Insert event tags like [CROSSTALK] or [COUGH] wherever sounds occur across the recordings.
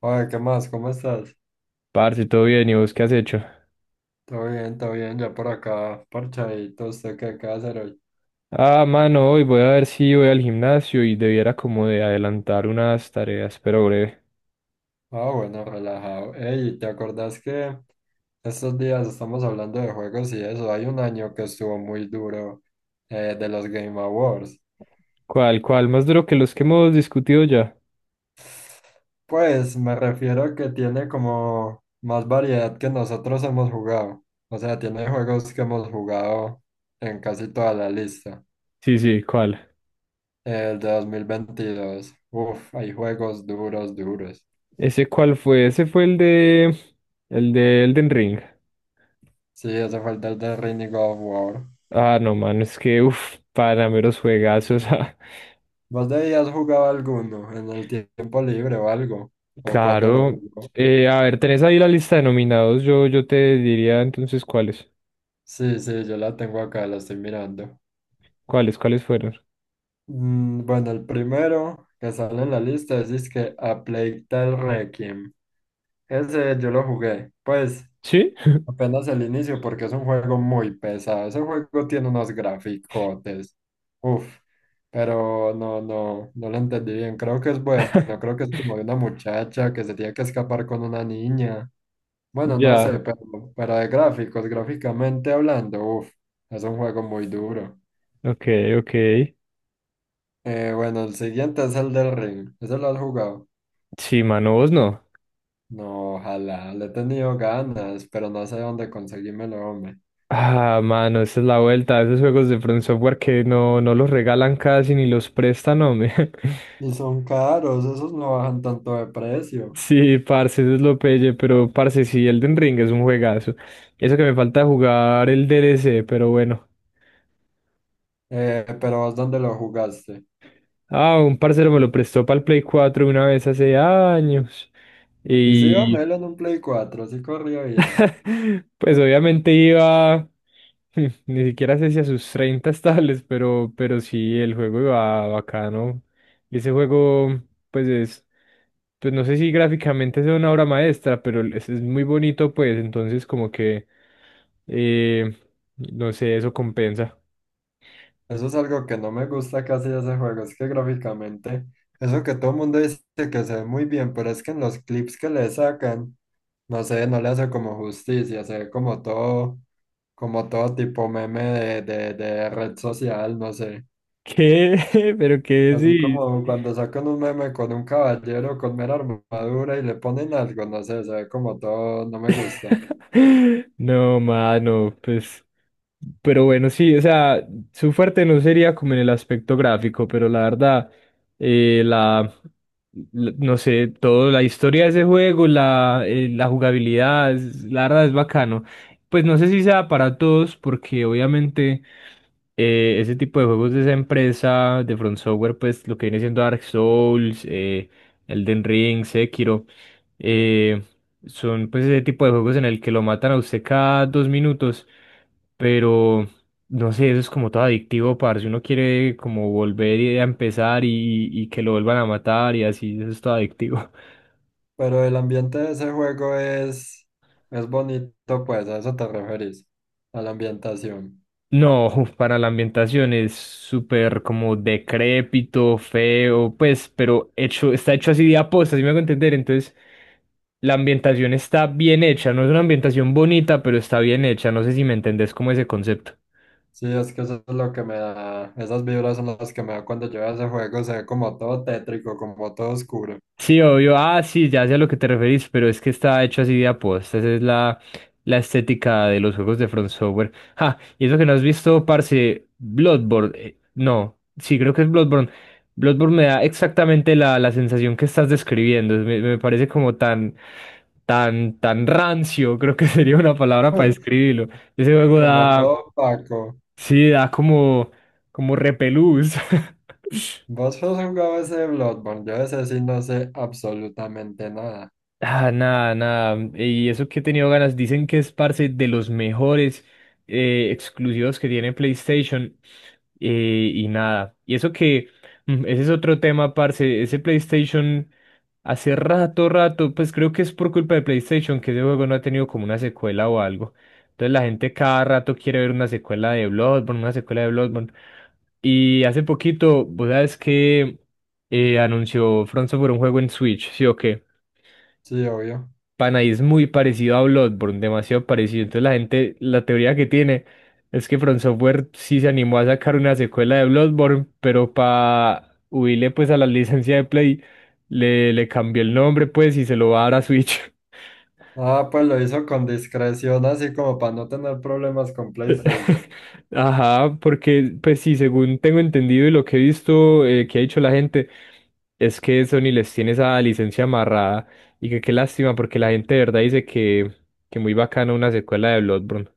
Oye, ¿qué más? ¿Cómo estás? Parce, todo bien, ¿y vos qué has hecho? Todo bien, ya por acá, parchadito, ¿usted qué va a hacer hoy? Ah, mano, hoy voy a ver si voy al gimnasio y debiera como de adelantar unas tareas, pero breve. Ah, bueno, relajado. Ey, ¿te acordás que estos días estamos hablando de juegos y eso? Hay un año que estuvo muy duro de los Game Awards. ¿Cuál, cuál? Más duro que los que hemos discutido ya. Pues me refiero a que tiene como más variedad que nosotros hemos jugado. O sea, tiene juegos que hemos jugado en casi toda la lista. Sí, sí, ¿cuál? El de 2022. Uf, hay juegos duros, duros. ¿Ese cuál fue? Ese fue el de Elden Ring. Sí, hace falta el de Rini God of War. Ah, no, mano, es que, uff, para meros juegazos. [LAUGHS] ah. ¿Vos debías jugar alguno en el tiempo libre o algo? ¿O cuando lo Claro. jugó? A ver, tenés ahí la lista de nominados, yo te diría entonces cuáles. Sí, sí, yo la tengo acá, la estoy mirando. ¿Cuáles, cuáles fueron? Mm, bueno, el primero que sale en la lista es, que A Plague Tale Requiem. Ese yo lo jugué. Pues ¿Sí? apenas el inicio porque es un juego muy pesado. Ese juego tiene unos graficotes. Uf, pero no lo entendí bien. Creo que es bueno. Creo [LAUGHS] que es como de una muchacha que se tiene que escapar con una niña. Bueno, no sé, Ya, pero de gráficos, gráficamente hablando, uf, es un juego muy duro. ok, ok. Bueno, el siguiente es el del Ring. ¿Ese lo has jugado? Sí, mano, vos no. No, ojalá. Le he tenido ganas, pero no sé dónde conseguírmelo, hombre. Ah, mano, esa es la vuelta. Esos juegos de From Software que no, no los regalan casi ni los prestan, hombre. [LAUGHS] Y son caros, esos no bajan tanto de precio. Sí, parce, eso es lo pelle, pero parce, sí, Elden Ring es un juegazo. Eso que me falta jugar el D. DLC, pero bueno. Pero vos dónde lo jugaste. Ah, un parcero me lo prestó para el Play 4 una vez hace años. Y sí iba Y Melo en un Play 4, sí corría bien. [LAUGHS] pues obviamente iba. [LAUGHS] Ni siquiera sé si a sus 30 estables, pero sí, el juego iba bacano. Y ese juego, pues es, pues no sé si gráficamente sea una obra maestra, pero es muy bonito, pues entonces como que, eh, no sé, eso compensa. Eso es algo que no me gusta casi de ese juego, es que gráficamente, eso que todo el mundo dice que se ve muy bien, pero es que en los clips que le sacan, no sé, no le hace como justicia, se ve como todo tipo meme de red social, no sé. [LAUGHS] ¿Qué? [LAUGHS] ¿Pero qué Así decís? como cuando sacan un meme con un caballero con mera armadura y le ponen algo, no sé, se ve como todo, no me gusta. [LAUGHS] No, mano, pues, pero bueno, sí, o sea, su fuerte no sería como en el aspecto gráfico, pero la verdad, eh, la, no sé, toda la historia de ese juego, la jugabilidad, la verdad es bacano. Pues no sé si sea para todos, porque obviamente ese tipo de juegos de esa empresa, de Front Software, pues lo que viene siendo Dark Souls, Elden Ring, Sekiro. eh, son pues ese tipo de juegos en el que lo matan a usted cada dos minutos, pero no sé, eso es como todo adictivo, parce. Uno quiere como volver a empezar y que lo vuelvan a matar y así, eso es todo adictivo. [LAUGHS] Pero el ambiente de ese juego es bonito, pues, a eso te referís, a la ambientación. No, uf, para la ambientación es súper como decrépito, feo, pues, pero hecho, está hecho así de aposta, si me hago entender. Entonces, la ambientación está bien hecha, no es una ambientación bonita, pero está bien hecha. No sé si me entendés como ese concepto. Sí, es que eso es lo que me da, esas vibras son las que me da cuando yo a ese juego, se ve como todo tétrico, como todo oscuro, Sí, obvio. Ah, sí, ya sé a lo que te referís, pero es que está hecho así de aposta. Esa es la estética de los juegos de Front Software. Ah, y eso que no has visto, parce, Bloodborne. No, sí, creo que es Bloodborne. Bloodborne me da exactamente la sensación que estás describiendo. Me parece como tan, tan, tan rancio, creo que [LAUGHS] sería una palabra para [LAUGHS] describirlo. Ese juego como da, todo opaco. sí, da como, como repelús. [LAUGHS] ¿Vos has jugado ese Bloodborne? Yo ese sí no sé absolutamente nada. Ah, nada, nada. Y eso que he tenido ganas, dicen que es parce de los mejores exclusivos que tiene PlayStation y nada. Y eso que ese es otro tema, parce. Ese PlayStation hace rato, rato, pues creo que es por culpa de PlayStation que ese juego no ha tenido como una secuela o algo. Entonces la gente cada rato quiere ver una secuela de Bloodborne, una secuela de Bloodborne. Y hace poquito, vos sabes que anunció Front Software un juego en Switch, ¿sí o qué? Sí, obvio. Pana, y es muy parecido a Bloodborne, demasiado parecido. Entonces la gente, la teoría que tiene es que From Software sí se animó a sacar una secuela de Bloodborne, pero para huirle pues a la licencia de Play, le cambió el nombre pues y se lo va a dar a Switch. Ah, pues lo hizo con discreción, así como para no tener problemas con PlayStation. [LAUGHS] Ajá, porque pues sí, según tengo entendido y lo que he visto que ha dicho la gente, es que Sony les tiene esa licencia amarrada y que qué lástima porque la gente de verdad dice que muy bacana una secuela de Bloodborne.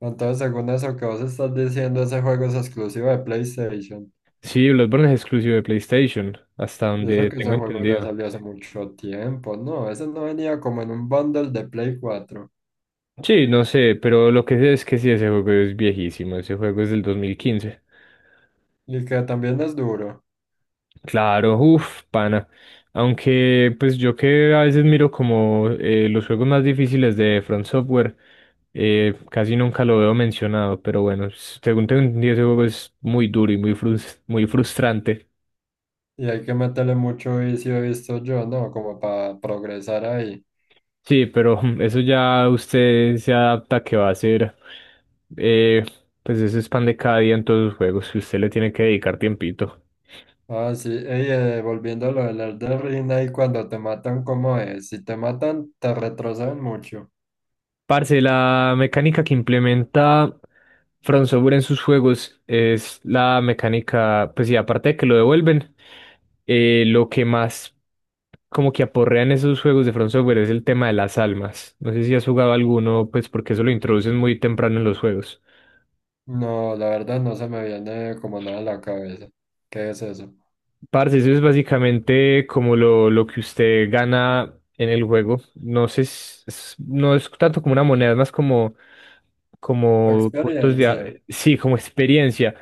Entonces, según eso que vos estás diciendo, ese juego es exclusivo de PlayStation. Sí, Bloodborne es exclusivo de PlayStation, hasta Y eso donde que ese tengo juego ya entendido. salió hace mucho tiempo, ¿no? Ese no venía como en un bundle de Play 4. Sí, no sé, pero lo que sé es que sí, ese juego es viejísimo, ese juego es del 2015. Y que también es duro. Claro, uff, pana. Aunque, pues yo que a veces miro como los juegos más difíciles de Front Software, casi nunca lo veo mencionado, pero bueno, según tengo entendido, ese juego es muy duro y muy muy frustrante. Y hay que meterle mucho vicio, he visto yo, ¿no? Como para progresar ahí. Sí, pero [LAUGHS] eso ya usted se adapta que va a ser, eh, pues eso es pan de cada día en todos los juegos, que usted le tiene que dedicar tiempito. Ah, sí. Ey, volviendo a lo del Elden Ring, ahí cuando te matan, ¿cómo es? Si te matan, te retrocedan mucho. Parce, la mecánica que implementa From Software en sus juegos es la mecánica, pues sí, aparte de que lo devuelven, lo que más como que aporrean esos juegos de From Software es el tema de las almas. No sé si has jugado alguno, pues porque eso lo introducen muy temprano en los juegos. No, la verdad no se me viene como nada a la cabeza. ¿Qué es eso? Parce, eso es básicamente como lo que usted gana en el juego. No sé, no es tanto como una moneda, es más como, como puntos de... Experiencia. Sí, como experiencia.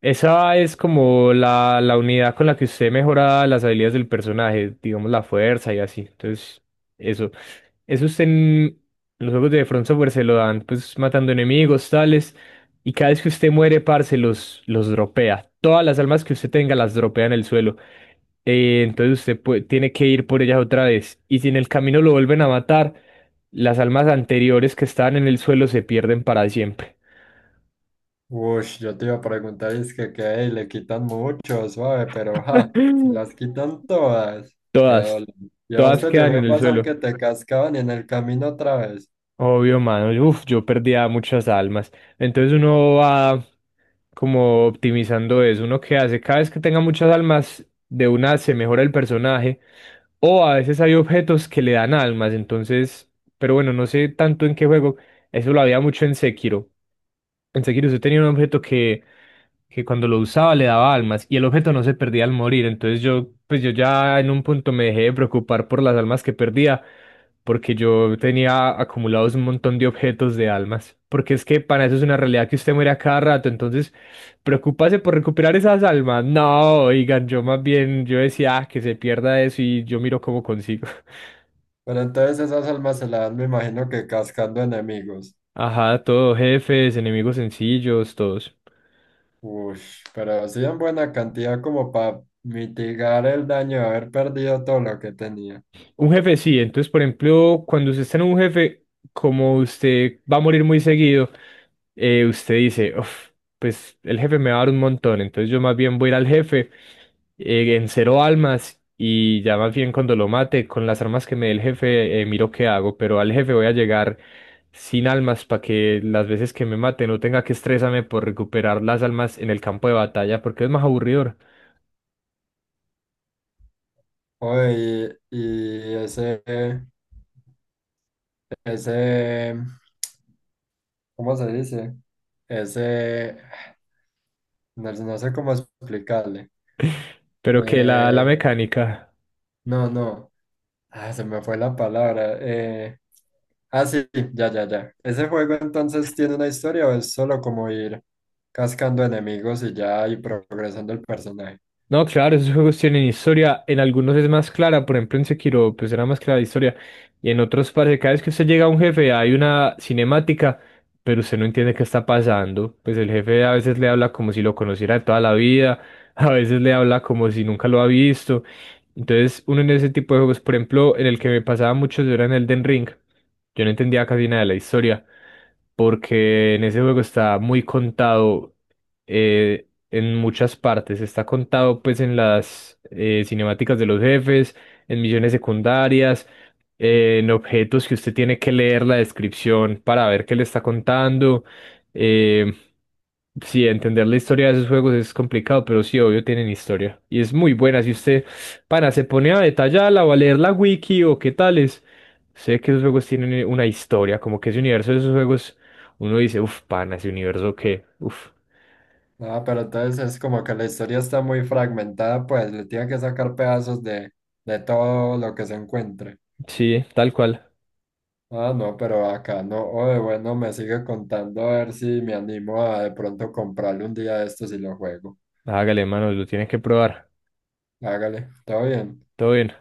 Esa es como la unidad con la que usted mejora las habilidades del personaje, digamos la fuerza y así. Entonces, eso. Eso usted en los juegos de Front Software se lo dan, pues matando enemigos, tales. Y cada vez que usted muere, parce, los dropea. Todas las almas que usted tenga las dropea en el suelo. Entonces usted tiene que ir por ellas otra vez. Y si en el camino lo vuelven a matar, las almas anteriores que estaban en el suelo se pierden para siempre. Uy, yo te iba a preguntar, es que ey, le quitan mucho, suave, pero ja, se [LAUGHS] las quitan todas. Qué Todas. dolor. Y a vos Todas te quedan llegó en a el pasar suelo. que te cascaban en el camino otra vez. Obvio, mano. Uf, yo perdía muchas almas. Entonces uno va como optimizando eso. Uno que hace, cada vez que tenga muchas almas, de una se mejora el personaje. O a veces hay objetos que le dan almas. Entonces, pero bueno, no sé tanto en qué juego. Eso lo había mucho en Sekiro. En Sekiro usted tenía un objeto que cuando lo usaba le daba almas y el objeto no se perdía al morir. Entonces yo, pues yo ya en un punto me dejé de preocupar por las almas que perdía porque yo tenía acumulados un montón de objetos de almas. Porque es que para eso es una realidad que usted muere a cada rato. Entonces, preocuparse por recuperar esas almas. No, oigan, yo más bien, yo decía, "Ah, que se pierda eso y yo miro cómo consigo". [LAUGHS] Pero entonces esas almas se las dan, me imagino que cascando enemigos. Ajá, todo, jefes, enemigos sencillos, todos. Uy, pero sí en buena cantidad como para mitigar el daño de haber perdido todo lo que tenía. Un jefe sí, entonces por ejemplo, cuando usted está en un jefe, como usted va a morir muy seguido, usted dice, "Uf, pues el jefe me va a dar un montón, entonces yo más bien voy a ir al jefe en cero almas y ya más bien cuando lo mate con las armas que me dé el jefe, miro qué hago, pero al jefe voy a llegar sin almas para que las veces que me mate no tenga que estresarme por recuperar las almas en el campo de batalla, porque es más aburridor, Oye, y ese, ¿cómo se dice? Ese. No, no sé cómo explicarle. pero que la Eh, mecánica". no, no. Ah, se me fue la palabra. Ah, sí, ya. ¿Ese juego entonces tiene una historia o es solo como ir cascando enemigos y ya y progresando el personaje? No, claro, esos juegos tienen historia. En algunos es más clara, por ejemplo en Sekiro, pues era más clara la historia. Y en otros parece que cada vez que usted llega a un jefe hay una cinemática, pero usted no entiende qué está pasando. Pues el jefe a veces le habla como si lo conociera de toda la vida, [LAUGHS] a veces le habla como si nunca lo ha visto. Entonces, uno en ese tipo de juegos, por ejemplo, en el que me pasaba mucho yo era en Elden Ring. Yo no entendía casi nada de la historia porque en ese juego está muy contado en muchas partes. Está contado pues en las cinemáticas de los jefes, en misiones secundarias, en objetos que usted tiene que leer la descripción para ver qué le está contando. eh, Sí, entender la historia de esos juegos es complicado, pero sí, obvio, tienen historia. Y es muy buena. Si usted, pana, se pone a detallarla o a leer la wiki o qué tales, sé que esos juegos tienen una historia. Como que ese universo de esos juegos, uno dice, uff, pana, ese universo que, uff. Ah, pero entonces es como que la historia está muy fragmentada, pues le tiene que sacar pedazos de todo lo que se encuentre. Sí, tal cual. Ah, no, pero acá no. Oye, bueno, me sigue contando a ver si me animo a de pronto comprarle un día de estos y lo juego. Hágale, mano, lo tiene que probar. Hágale, está bien. Todo bien.